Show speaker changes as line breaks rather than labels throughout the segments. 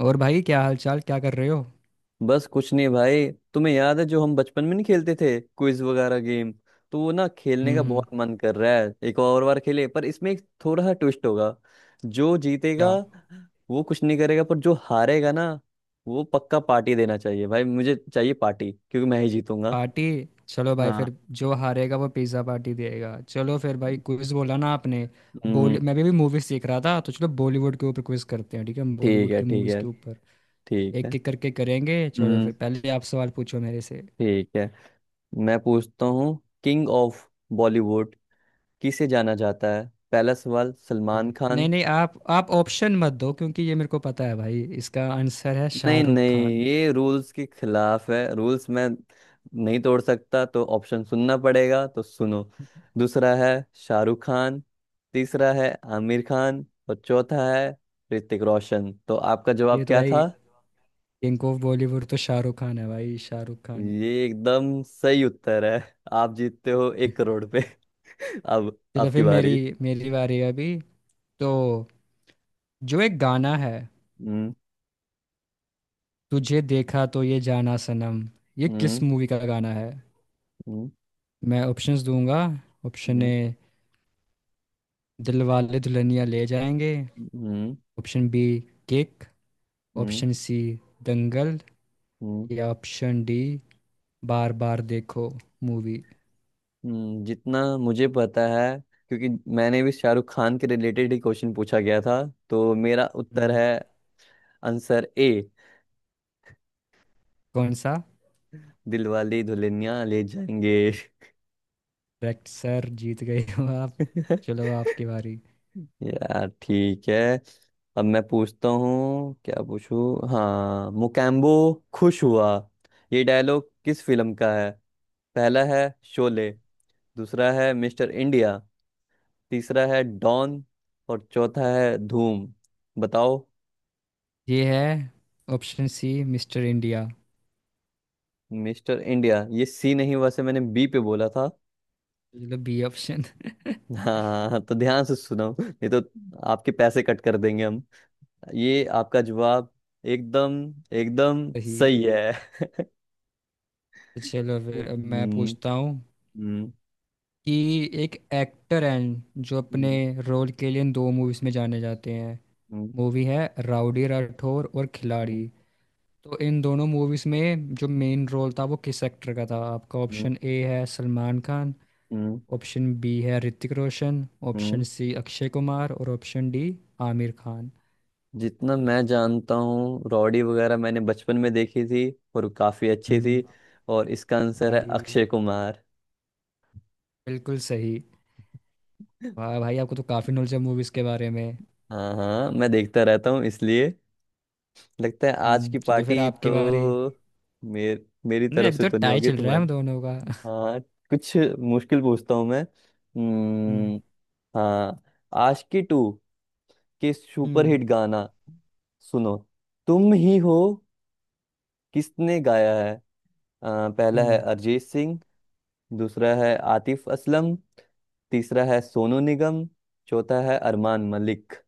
और भाई, क्या हालचाल? क्या कर रहे हो? हम्म।
बस कुछ नहीं भाई। तुम्हें याद है जो हम बचपन में नहीं खेलते थे क्विज वगैरह गेम। तो वो ना खेलने का बहुत
हम्म,
मन कर रहा है एक और बार खेले पर इसमें एक थोड़ा सा ट्विस्ट होगा। जो जीतेगा
क्या?
वो कुछ नहीं करेगा पर जो हारेगा ना वो पक्का पार्टी देना चाहिए भाई मुझे चाहिए पार्टी क्योंकि मैं ही जीतूंगा।
पार्टी। चलो भाई
हाँ।
फिर। जो हारेगा वो पिज्ज़ा पार्टी देगा। चलो फिर भाई, क्विज बोला ना आपने। बॉली
हम्म।
मैं भी मूवीज देख रहा था, तो चलो बॉलीवुड के ऊपर क्विज करते हैं। ठीक है,
ठीक
बॉलीवुड
है
की
ठीक
मूवीज
है
के ऊपर।
ठीक है।
एक एक करके करेंगे। चलो
हम्म।
फिर, पहले आप सवाल पूछो मेरे से।
ठीक है। मैं पूछता हूँ। किंग ऑफ बॉलीवुड किसे जाना जाता है? पहला सवाल
ठीक
सलमान
है, नहीं
खान।
नहीं, आप ऑप्शन मत दो, क्योंकि ये मेरे को पता है भाई। इसका आंसर है
नहीं
शाहरुख खान।
नहीं ये रूल्स के खिलाफ है रूल्स मैं नहीं तोड़ सकता तो ऑप्शन सुनना पड़ेगा तो सुनो। दूसरा है शाहरुख खान। तीसरा है आमिर खान और चौथा है ऋतिक रोशन। तो आपका जवाब
ये तो
क्या
भाई,
था?
किंग ऑफ बॉलीवुड तो शाहरुख खान है भाई, शाहरुख खान।
ये एकदम सही उत्तर है। आप जीतते हो 1 करोड़ पे। अब
चलो
आपकी
फिर, मेरी
बारी।
मेरी बारी है अभी। तो जो एक गाना है,
हम्म।
तुझे देखा तो ये जाना सनम, ये किस
हम्म।
मूवी का गाना है?
हम्म।
मैं ऑप्शंस दूंगा। ऑप्शन
हम्म।
ए, दिलवाले दुल्हनिया ले जाएंगे।
हम्म।
Option B, Kick.
हम्म।
Option C, Dangal.
हम्म।
या option D, Baar Baar Dekho movie.
जितना मुझे पता है क्योंकि मैंने भी शाहरुख खान के रिलेटेड ही क्वेश्चन पूछा गया था। तो मेरा उत्तर है आंसर ए।
कौन सा?
दिलवाले दुल्हनिया ले जाएंगे।
करेक्ट सर, जीत गए हो आप। चलो आपकी बारी।
यार ठीक है। अब मैं पूछता हूँ क्या पूछूं। हाँ मोकैम्बो खुश हुआ। ये डायलॉग किस फिल्म का है? पहला है शोले। दूसरा है मिस्टर इंडिया। तीसरा है डॉन और चौथा है धूम। बताओ।
ये है option C, Mister India.
Mister India ये सी नहीं हुआ से मैंने बी पे बोला था।
चलो बी ऑप्शन
हाँ हाँ, हाँ, तो ध्यान से सुनो नहीं तो आपके पैसे कट कर देंगे हम। ये आपका जवाब एकदम एकदम
सही।
सही है।
तो चलो फिर अब मैं
हम्म।
पूछता हूँ
हम्म।
कि एक एक्टर हैं जो अपने
हम्म।
रोल के लिए इन दो मूवीज में जाने जाते हैं।
हम्म।
मूवी है राउडी राठौर और
हम्म।
खिलाड़ी। तो इन दोनों मूवीज में जो मेन रोल था वो किस एक्टर का था? आपका
हम्म।
ऑप्शन ए है सलमान खान,
हम्म।
ऑप्शन बी है ऋतिक रोशन,
हम्म।
ऑप्शन सी अक्षय कुमार, और ऑप्शन डी आमिर खान।
जितना मैं जानता हूँ रॉडी वगैरह मैंने बचपन में देखी थी और काफी अच्छी थी।
हम्म।
और इसका आंसर है
खिलाड़ी भी।
अक्षय कुमार।
बिल्कुल सही। वाह भाई, आपको तो काफी नॉलेज है मूवीज के बारे में।
हाँ हाँ मैं देखता रहता हूँ इसलिए लगता है आज
हम्म।
की
चलो फिर
पार्टी
आपकी बारी।
तो मेरी
नहीं,
तरफ
अभी
से
तो
तो नहीं
टाई
होगी
चल रहा है
तुम्हारी।
हम दोनों का।
हाँ। कुछ मुश्किल पूछता हूँ मैं।
हम्म।
हम्म। हाँ। आशिकी 2 के
हम्म।
सुपरहिट गाना सुनो। तुम ही हो किसने गाया है? पहला है
हम्म।
अरिजीत सिंह। दूसरा है आतिफ असलम। तीसरा है सोनू निगम। चौथा है अरमान मलिक।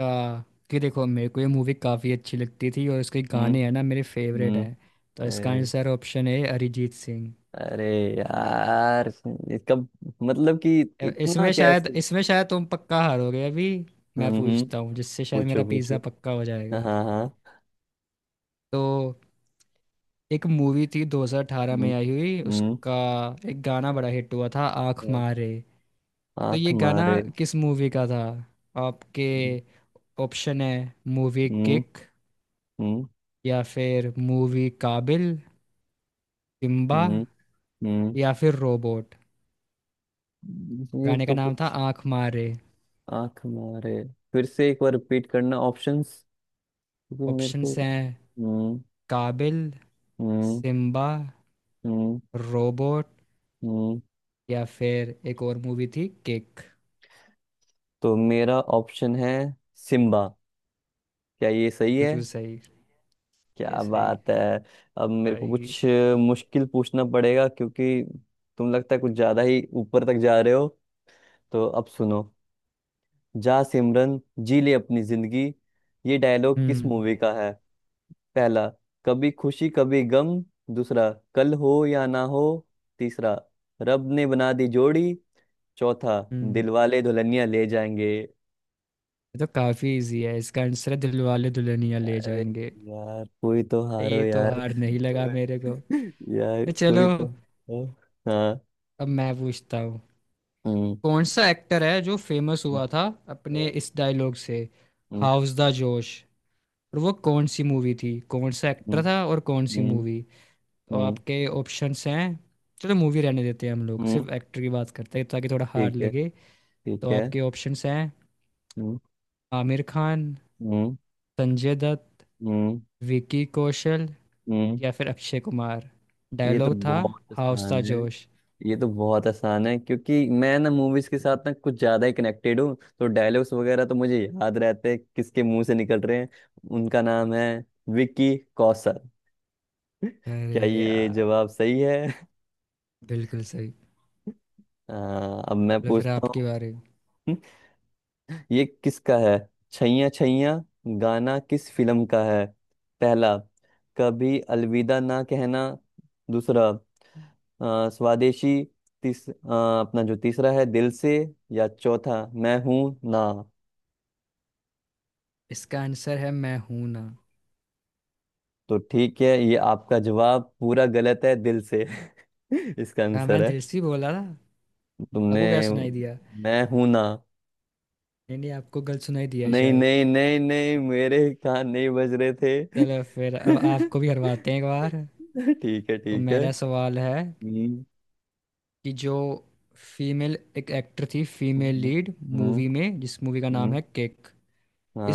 आ, कि देखो, मेरे को ये मूवी काफ़ी अच्छी लगती थी और इसके
हम्म।
गाने हैं ना, मेरे फेवरेट हैं। तो इसका
हम्म।
आंसर ऑप्शन है अरिजीत सिंह।
अरे यार इसका मतलब कि इतना
इसमें शायद
कैसे।
इसमें शायद तुम पक्का हारोगे अभी। मैं
हम्म। हम्म।
पूछता हूँ जिससे शायद
पूछो
मेरा
पूछो।
पिज़्ज़ा पक्का हो
हाँ
जाएगा।
हाँ हाँ।
तो एक मूवी थी 2018
हम्म।
में आई हुई,
हम्म।
उसका एक गाना बड़ा हिट हुआ था, आँख मारे। तो
आंख
ये गाना
मारे।
किस मूवी का था? आपके
हम्म।
ऑप्शन है मूवी
हम्म।
किक, या फिर मूवी काबिल, सिम्बा,
हम्म। हम्म।
या फिर रोबोट।
ये
गाने का
तो
नाम था
कुछ
आंख मारे।
आंख मारे फिर से एक बार रिपीट करना ऑप्शंस क्योंकि मेरे को।
ऑप्शंस हैं
हम्म।
काबिल,
हम्म।
सिम्बा,
हम्म।
रोबोट,
हम्म।
या फिर एक और मूवी थी किक।
तो मेरा ऑप्शन है सिम्बा। क्या ये सही है?
बिल्कुल सही। ये
क्या
सही।
बात है। अब मेरे को
भाई
कुछ मुश्किल पूछना पड़ेगा क्योंकि तुम लगता है कुछ ज्यादा ही ऊपर तक जा रहे हो। तो अब सुनो। जा सिमरन जी ले अपनी जिंदगी। ये डायलॉग किस
हम्म।
मूवी का है? पहला कभी खुशी कभी गम। दूसरा कल हो या ना हो। तीसरा रब ने बना दी जोड़ी। चौथा
हम्म।
दिलवाले दुल्हनिया ले जाएंगे।
ये तो काफी इजी है, इसका आंसर है दिलवाले दुल्हनिया ले
अरे
जाएंगे।
यार कोई तो हारो
ये तो
यार।
हार नहीं लगा मेरे को।
यार
तो
कोई
चलो
तो। हाँ।
अब मैं पूछता हूँ,
हम्म।
कौन सा एक्टर है जो फेमस हुआ था अपने
हम्म।
इस डायलॉग से,
हम्म।
How's the josh. और वो कौन सी मूवी थी? कौन सा एक्टर
हम्म।
था और कौन सी
हम्म।
मूवी? और
हम्म।
आपके ऑप्शंस हैं, चलो मूवी रहने देते हैं हम लोग,
हम्म।
सिर्फ एक्टर की बात करते हैं ताकि थोड़ा हार्ड
ठीक है
लगे। तो
ठीक है।
आपके ऑप्शंस हैं
हम्म।
आमिर खान,
हम्म।
संजय दत्त,
हम्म।
विकी कौशल,
हम्म।
या फिर अक्षय कुमार।
ये तो
डायलॉग था
बहुत
हाउस था
आसान है।
जोश।
ये तो बहुत आसान है क्योंकि मैं ना मूवीज के साथ ना कुछ ज्यादा ही कनेक्टेड हूँ तो डायलॉग्स वगैरह तो मुझे याद रहते हैं किसके मुंह से निकल रहे हैं। उनका नाम है विक्की कौशल। क्या
अरे
ये
यार,
जवाब सही है?
बिल्कुल सही।
आ, अब मैं
चलो फिर
पूछता
आपके
हूँ।
बारे में।
ये किसका है? छैया छैया गाना किस फिल्म का है? पहला कभी अलविदा ना कहना। दूसरा स्वदेशी। अपना जो तीसरा है दिल से। या चौथा मैं हूं ना।
इसका आंसर है मैं हूं ना।
तो ठीक है ये आपका जवाब पूरा गलत है दिल से। इसका
हाँ,
आंसर
मैं
है।
दिल से ही बोला था।
तुमने
आपको क्या सुनाई दिया?
मैं हूं ना।
नहीं नहीं, आपको गलत सुनाई दिया
नहीं
शायद।
नहीं नहीं नहीं मेरे कान नहीं बज रहे थे।
चलो फिर अब आपको भी हरवाते हैं एक बार।
ठीक है
तो
ठीक है।
मेरा सवाल है
हम्म।
कि जो फीमेल एक एक्टर थी, फीमेल
हम्म।
लीड,
हम्म।
मूवी में जिस मूवी का नाम
हम्म।
है किक,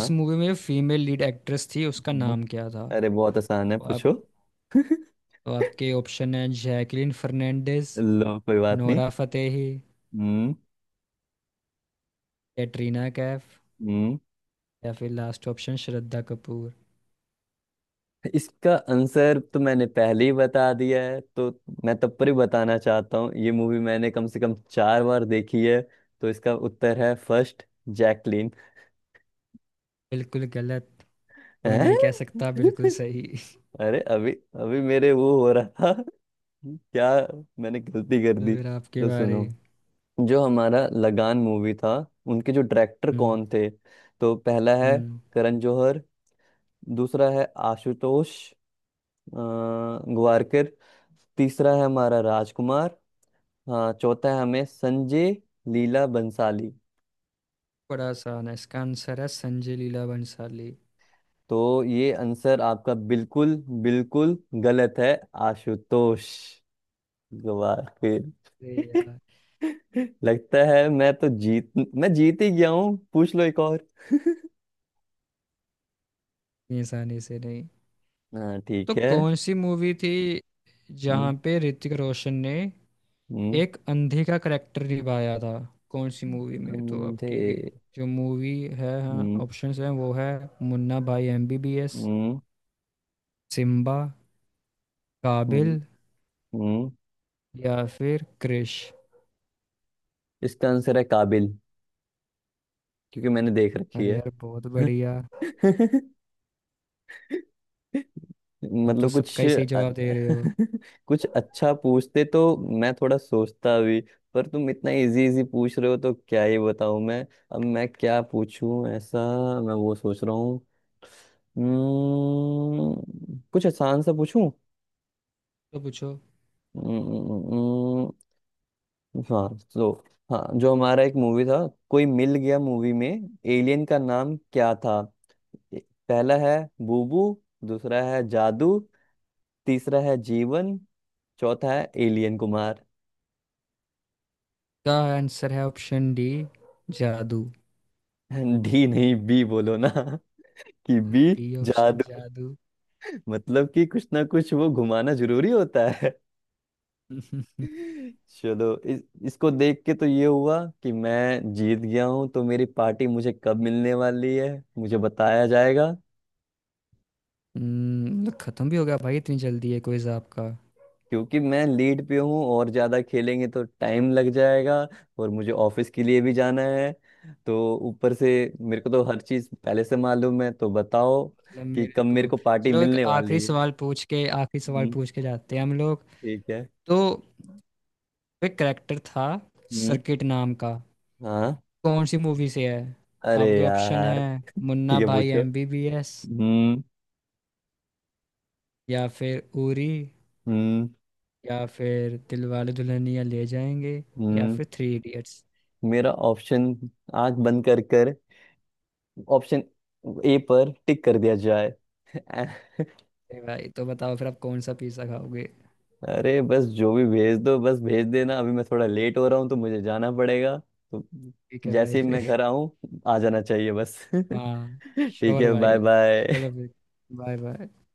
इस मूवी में जो फीमेल लीड एक्ट्रेस थी उसका
हम्म।
नाम क्या था?
अरे बहुत आसान है
तो आप
पूछो।
तो आपके ऑप्शन है जैकलिन फर्नांडिस,
लो कोई बात नहीं।
नोरा फतेही,
हम्म।
कैटरीना कैफ,
हम्म।
या फिर लास्ट ऑप्शन श्रद्धा कपूर।
इसका आंसर तो मैंने पहले ही बता दिया है तो मैं तब पर ही बताना चाहता हूँ ये मूवी मैंने कम से कम 4 बार देखी है तो इसका उत्तर है फर्स्ट जैकलीन।
बिल्कुल गलत। तो मैं नहीं कह
हैं?
सकता बिल्कुल सही
अरे अभी अभी मेरे वो हो रहा था क्या मैंने गलती कर
तो
दी
फिर आपके
तो
बारे।
सुनो। जो हमारा लगान मूवी था उनके जो डायरेक्टर
हम्म।
कौन थे? तो पहला है
हम्म।
करण जौहर। दूसरा है आशुतोष ग्वारकर। तीसरा है हमारा राजकुमार। हाँ चौथा है हमें संजय लीला बंसाली।
बड़ा आसान है, इसका आंसर है संजय लीला भंसाली।
तो ये आंसर आपका बिल्कुल बिल्कुल गलत है आशुतोष ग्वारकर।
अरे यार।
लगता है मैं तो जीत मैं जीत ही गया हूँ पूछ लो एक और।
इतनी आसानी से नहीं।
हाँ
तो
ठीक है।
कौन सी मूवी थी
हम्म।
जहाँ पे ऋतिक रोशन ने
हम्म।
एक अंधे का करेक्टर निभाया था? कौन सी मूवी में? तो
अंधे।
आपकी जो मूवी है, हाँ
हम्म।
ऑप्शंस हैं, वो है मुन्ना भाई एमबीबीएस,
हम्म।
सिम्बा, काबिल,
हम्म। हम्म।
या फिर क्रिश।
इसका आंसर है काबिल क्योंकि मैंने देख रखी
अरे
है।
यार, बहुत बढ़िया। आप तो
मतलब
सबका
कुछ
ही सही जवाब दे रहे हो।
कुछ अच्छा पूछते तो मैं थोड़ा सोचता भी पर तुम इतना इजी इजी पूछ रहे हो तो क्या ही बताऊं मैं। अब मैं क्या पूछूं ऐसा मैं वो सोच रहा हूँ। कुछ आसान सा पूछूं।
तो पूछो
हम्म। हाँ। तो हाँ जो हमारा एक मूवी था कोई मिल गया मूवी में एलियन का नाम क्या था? ए- पहला है बूबू। दूसरा है जादू। तीसरा है जीवन। चौथा है एलियन कुमार।
का आंसर है ऑप्शन डी, जादू।
डी नहीं बी बोलो ना। कि B.
B option,
Jadoo
Jadoo.
मतलब कि कुछ ना कुछ वो घुमाना जरूरी होता है। चलो इसको देख के तो ये हुआ कि मैं जीत गया हूँ तो मेरी पार्टी मुझे कब मिलने वाली है? मुझे बताया जाएगा।
मतलब खत्म भी हो गया भाई? इतनी जल्दी है क्विज आपका?
क्योंकि मैं लीड पे हूँ और ज्यादा खेलेंगे तो टाइम लग जाएगा और मुझे ऑफिस के लिए भी जाना है। तो ऊपर से मेरे को तो हर चीज पहले से मालूम है तो बताओ
मतलब
कि
मेरे
कब मेरे
को
को पार्टी
चलो एक
मिलने वाली
आखिरी
है।
सवाल पूछ के, आखिरी सवाल
हम्म।
पूछ के जाते हैं हम लोग।
ठीक है।
तो एक करेक्टर था
हम्म।
सर्किट नाम का,
हाँ।
कौन सी मूवी से है?
अरे
आपके ऑप्शन
यार।
है
ठीक
मुन्ना
है
भाई
पूछो।
एमबीबीएस,
हम्म।
या फिर उरी,
हम्म।
या फिर दिलवाले दुल्हनिया ले जाएंगे, या
हम्म।
फिर थ्री इडियट्स।
मेरा ऑप्शन आंख बंद कर कर ऑप्शन ए पर टिक कर दिया जाए।
भाई तो बताओ फिर आप कौन सा पिज्जा खाओगे?
अरे बस जो भी भेज दो बस भेज देना अभी मैं थोड़ा लेट हो रहा हूँ तो मुझे जाना पड़ेगा। तो
ठीक है भाई
जैसे ही
फिर।
मैं घर आऊँ आ जाना चाहिए बस।
हाँ।
ठीक
श्योर
है बाय
भाई।
बाय।
चलो फिर, बाय बाय।